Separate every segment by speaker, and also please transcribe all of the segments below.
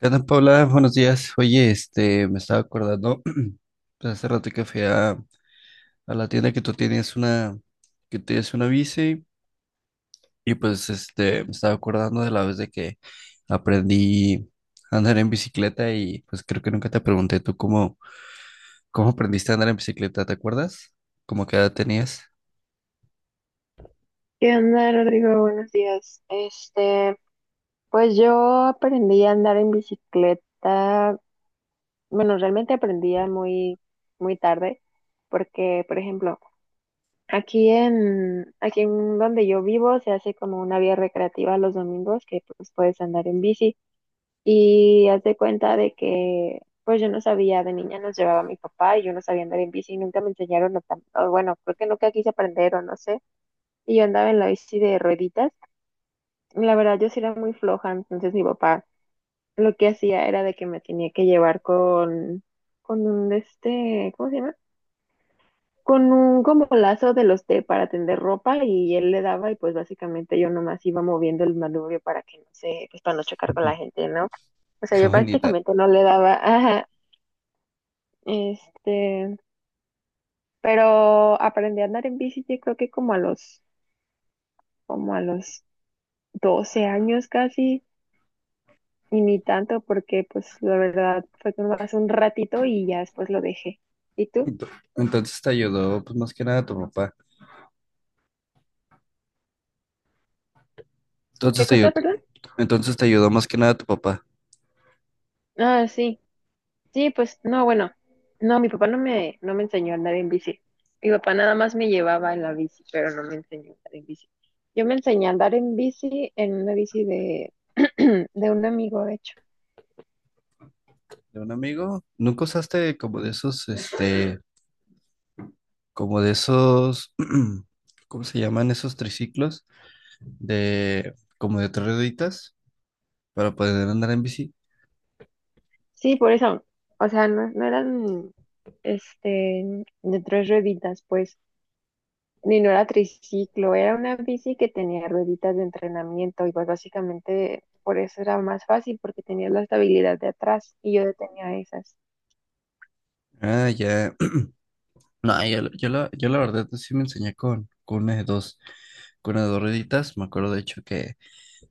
Speaker 1: ¿Qué tal, Paula? Buenos días. Oye, me estaba acordando, pues, hace rato que fui a la tienda que tienes una bici, y pues, me estaba acordando de la vez de que aprendí a andar en bicicleta y, pues, creo que nunca te pregunté tú cómo aprendiste a andar en bicicleta, ¿te acuerdas? ¿Cómo qué edad tenías?
Speaker 2: ¿Qué onda, Rodrigo? Buenos días. Pues yo aprendí a andar en bicicleta. Bueno, realmente aprendí a muy tarde, porque, por ejemplo, aquí en donde yo vivo se hace como una vía recreativa los domingos que pues puedes andar en bici y haz de cuenta pues yo no sabía, de niña nos llevaba mi papá y yo no sabía andar en bici, nunca me enseñaron, o bueno, creo que nunca quise aprender o no sé, y yo andaba en la bici de rueditas. La verdad, yo sí era muy floja, entonces mi papá lo que hacía era de que me tenía que llevar con un de este, ¿cómo se llama? Con un como lazo de los de para tender ropa y él le daba y pues básicamente yo nomás iba moviendo el manubrio para que no se pues para no chocar con
Speaker 1: Ujú.
Speaker 2: la gente, ¿no? O sea,
Speaker 1: Qué
Speaker 2: yo
Speaker 1: bonita.
Speaker 2: prácticamente no le daba, ajá, este, pero aprendí a andar en bici yo creo que como a los 12 años casi. Y ni tanto porque pues la verdad fue como hace un ratito y ya después lo dejé. ¿Y tú?
Speaker 1: Ento- Entonces te ayudó, pues, más que nada tu papá. Entonces
Speaker 2: ¿Qué
Speaker 1: te ayudó,
Speaker 2: cosa, perdón?
Speaker 1: entonces te ayudó más que nada tu papá.
Speaker 2: Ah, sí. Sí, pues no, bueno. No, mi papá no me enseñó a andar en bici. Mi papá nada más me llevaba en la bici, pero no me enseñó a andar en bici. Yo me enseñé a andar en bici en una bici de un amigo, de hecho.
Speaker 1: De un amigo. ¿Nunca usaste como de esos, como de esos, ¿cómo se llaman esos triciclos? Como de tres rueditas para poder andar en bici.
Speaker 2: Sí, por eso. O sea, no, no eran este de tres rueditas, pues. Ni no era triciclo, era una bici que tenía rueditas de entrenamiento y pues básicamente por eso era más fácil porque tenía la estabilidad de atrás y yo no tenía esas.
Speaker 1: Ah, ya. No, yo la verdad sí me enseñé con una de dos rueditas. Me acuerdo de hecho que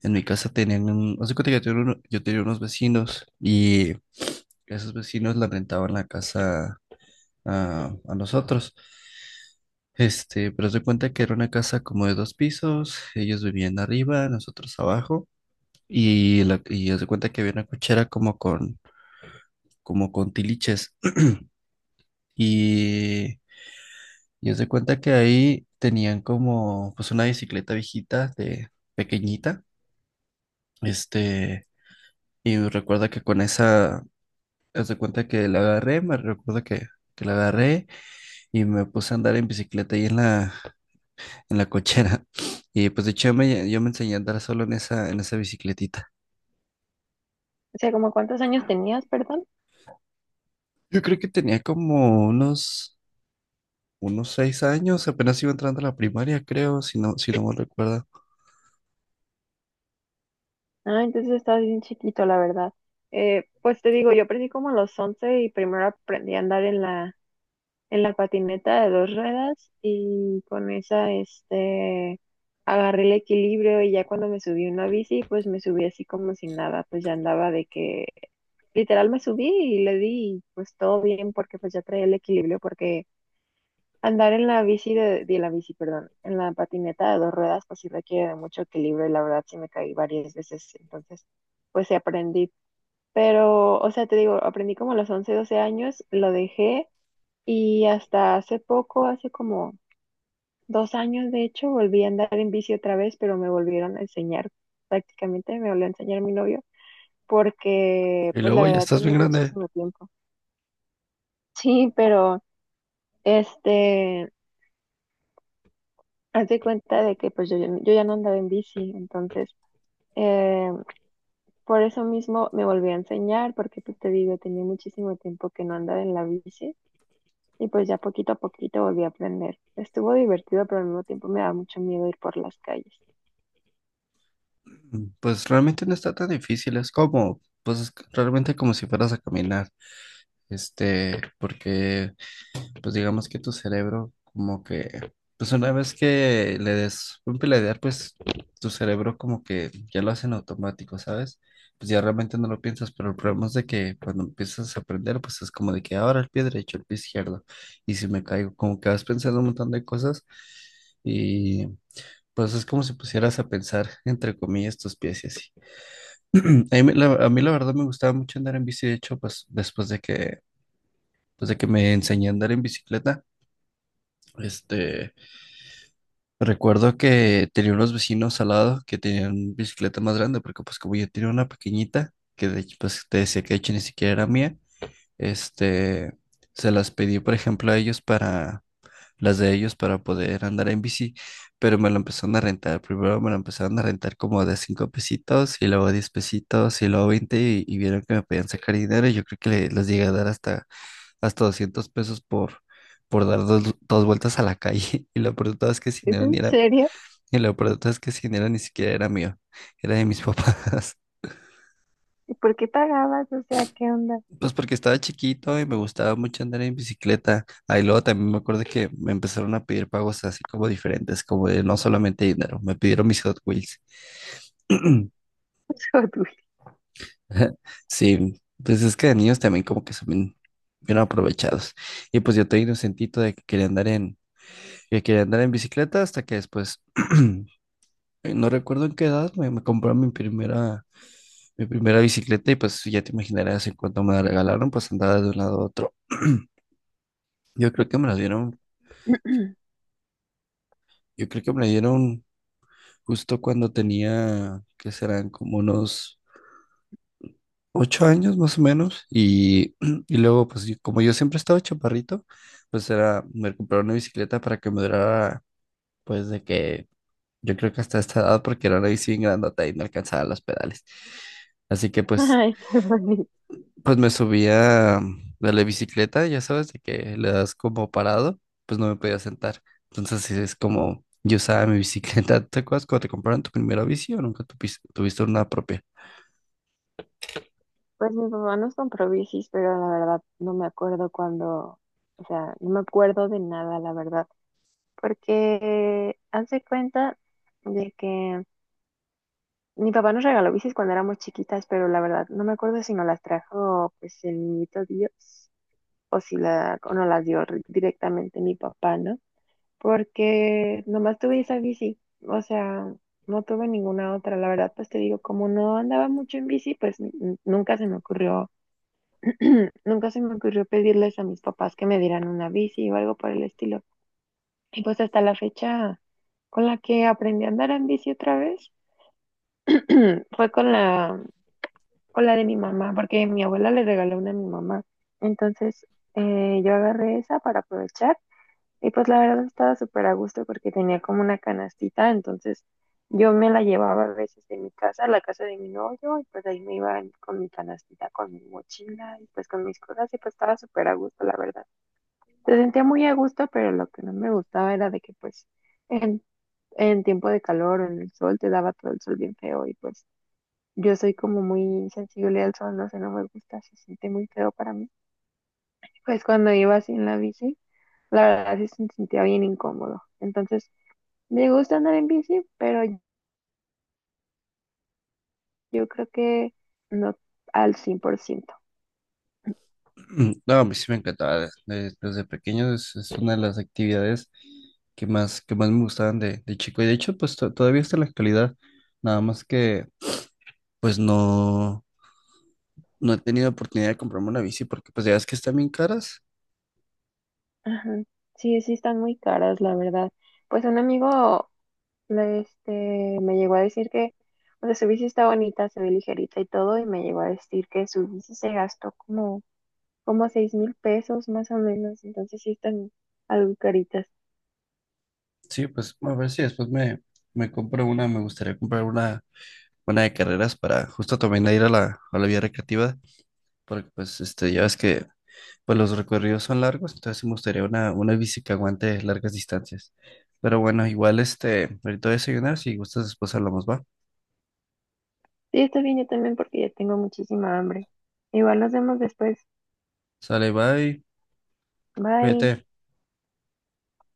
Speaker 1: en mi casa tenían un, hace cuenta que yo tenía, uno- yo tenía unos vecinos y esos vecinos la rentaban la casa a nosotros. Pero se cuenta que era una casa como de dos pisos, ellos vivían arriba, nosotros abajo, y haz de cuenta que había una cochera como con tiliches, y, y haz de cuenta que ahí tenían como, pues una bicicleta viejita, de pequeñita, este, y recuerda que con esa, haz de cuenta que la agarré, que la agarré, y me puse a andar en bicicleta ahí en la cochera. Y pues de hecho yo me enseñé a andar solo en esa bicicletita.
Speaker 2: O sea, ¿como cuántos años tenías, perdón?
Speaker 1: Yo creo que tenía como unos 6 años, apenas iba entrando a la primaria, creo, si no me recuerdo.
Speaker 2: Ah, entonces estabas bien chiquito, la verdad. Pues te digo, yo aprendí como a los 11 y primero aprendí a andar en en la patineta de dos ruedas y con esa, agarré el equilibrio y ya cuando me subí a una bici, pues me subí así como si nada, pues ya andaba de que literal me subí y le di, y pues todo bien porque pues ya traía el equilibrio porque andar en la bici de la bici, perdón, en la patineta de dos ruedas pues sí requiere de mucho equilibrio y la verdad sí me caí varias veces, entonces pues sí aprendí, pero o sea, te digo, aprendí como a los 11 12 años, lo dejé y hasta hace poco, hace como 2 años de hecho, volví a andar en bici otra vez, pero me volvieron a enseñar, prácticamente me volvió a enseñar mi novio, porque
Speaker 1: Y
Speaker 2: pues la
Speaker 1: luego ya
Speaker 2: verdad
Speaker 1: estás
Speaker 2: tenía
Speaker 1: bien grande.
Speaker 2: muchísimo tiempo. Sí, pero este, haz de cuenta de que pues yo ya no andaba en bici, entonces eh, por eso mismo me volví a enseñar, porque pues te digo, tenía muchísimo tiempo que no andaba en la bici. Y pues ya poquito a poquito volví a aprender. Estuvo divertido, pero al mismo tiempo me da mucho miedo ir por las calles.
Speaker 1: Pues realmente no está tan difícil, es como, pues es realmente como si fueras a caminar. Porque pues digamos que tu cerebro como que, pues una vez que le des un pelear, pues tu cerebro como que ya lo hace en automático, ¿sabes? Pues ya realmente no lo piensas, pero el problema es de que cuando empiezas a aprender, pues es como de que ahora el pie derecho, el pie izquierdo, y si me caigo, como que vas pensando un montón de cosas y pues es como si pusieras a pensar, entre comillas, tus pies y así. A mí la verdad me gustaba mucho andar en bici, de hecho, pues de que me enseñé a andar en bicicleta. este... Recuerdo que tenía unos vecinos al lado que tenían bicicleta más grande, porque pues como yo tenía una pequeñita, que de hecho pues te decía que de hecho ni siquiera era mía, este, se las pedí por ejemplo a ellos para, las de ellos para poder andar en bici, pero me la empezaron a rentar, primero me la empezaron a rentar como de 5 pesitos y luego 10 pesitos y luego 20 y vieron que me podían sacar dinero y yo creo que les llegué a dar hasta 200 pesos por dar dos vueltas a la calle. Y lo peor de todo es que sin
Speaker 2: ¿Es en
Speaker 1: dinero,
Speaker 2: serio?
Speaker 1: y lo peor es que ese dinero ni siquiera era mío, era de mis papás.
Speaker 2: ¿Y por qué pagabas? O sea, ¿qué onda?
Speaker 1: Pues porque estaba chiquito y me gustaba mucho andar en bicicleta. Ahí luego también me acuerdo que me empezaron a pedir pagos así como diferentes, como de no solamente dinero, me pidieron mis Hot Wheels.
Speaker 2: Joder.
Speaker 1: Sí, pues es que de niños también como que son bien, bien aprovechados. Y pues yo tenía inocentito de que quería andar en bicicleta hasta que después, no recuerdo en qué edad, me compró mi primera bicicleta y pues ya te imaginarás en cuanto me la regalaron, pues andaba de un lado a otro. Yo creo que me la dieron, yo creo que me la dieron justo cuando tenía, que serán como unos 8 años más o menos. Y luego, pues como yo siempre estaba chaparrito, pues me compraron una bicicleta para que me durara, pues de que yo creo que hasta esta edad, porque era una bici bien grandota y no alcanzaba los pedales. Así que pues
Speaker 2: Ay, qué bonito.
Speaker 1: Pues me subía de la bicicleta, ya sabes, de que le das como parado, pues no me podía sentar. Entonces sí, es como yo usaba mi bicicleta. ¿Te acuerdas cuando te compraron tu primera bici o nunca tuviste una propia?
Speaker 2: Pues mi papá nos compró bicis, pero la verdad no me acuerdo cuándo, o sea, no me acuerdo de nada, la verdad, porque hace cuenta de que mi papá nos regaló bicis cuando éramos chiquitas, pero la verdad no me acuerdo si nos las trajo pues el niñito Dios o si la, o nos las dio re- directamente mi papá, ¿no? Porque nomás tuve esa bici, o sea, no tuve ninguna otra. La verdad, pues te digo, como no andaba mucho en bici, pues n- nunca se me ocurrió, nunca se me ocurrió pedirles a mis papás que me dieran una bici o algo por el estilo. Y pues hasta la fecha con la que aprendí a andar en bici otra vez fue con con la de mi mamá, porque mi abuela le regaló una a mi mamá. Entonces, yo agarré esa para aprovechar. Y pues la verdad estaba súper a gusto porque tenía como una canastita, entonces yo me la llevaba a veces de mi casa a la casa de mi novio y pues ahí me iba en- con mi canastita, con mi mochila y pues con mis cosas y pues estaba súper a gusto, la verdad. Se sentía muy a gusto, pero lo que no me gustaba era de que en, en tiempo de calor o en el sol te daba todo el sol bien feo y pues yo soy como muy sensible al sol, no sé, no me gusta, se siente muy feo para mí. Pues cuando iba así en la bici, la verdad sí se sentía bien incómodo. Entonces, me gusta andar en bici, pero yo creo que no al 100%.
Speaker 1: No, a mí sí me encantaba desde pequeño, es una de las actividades que más me gustaban de chico. Y de hecho, pues todavía está en la actualidad, nada más que pues no he tenido oportunidad de comprarme una bici porque pues ya ves que están bien caras.
Speaker 2: Ajá. Sí, sí están muy caras, la verdad. Pues un amigo le- este, me llegó a decir que, o sea, su bici está bonita, se ve ligerita y todo, y me llegó a decir que su bici se gastó como $6,000 más o menos, entonces sí están algo caritas.
Speaker 1: Sí, pues bueno, a ver si después me gustaría comprar una de carreras para justo también ir a la vía recreativa, porque pues ya ves que pues los recorridos son largos, entonces sí me gustaría una bici que aguante largas distancias. Pero bueno, igual ahorita voy a desayunar, si gustas después hablamos, va.
Speaker 2: Sí, está bien, yo también porque ya tengo muchísima hambre. Igual nos vemos después.
Speaker 1: Sale, bye, vete.
Speaker 2: Bye.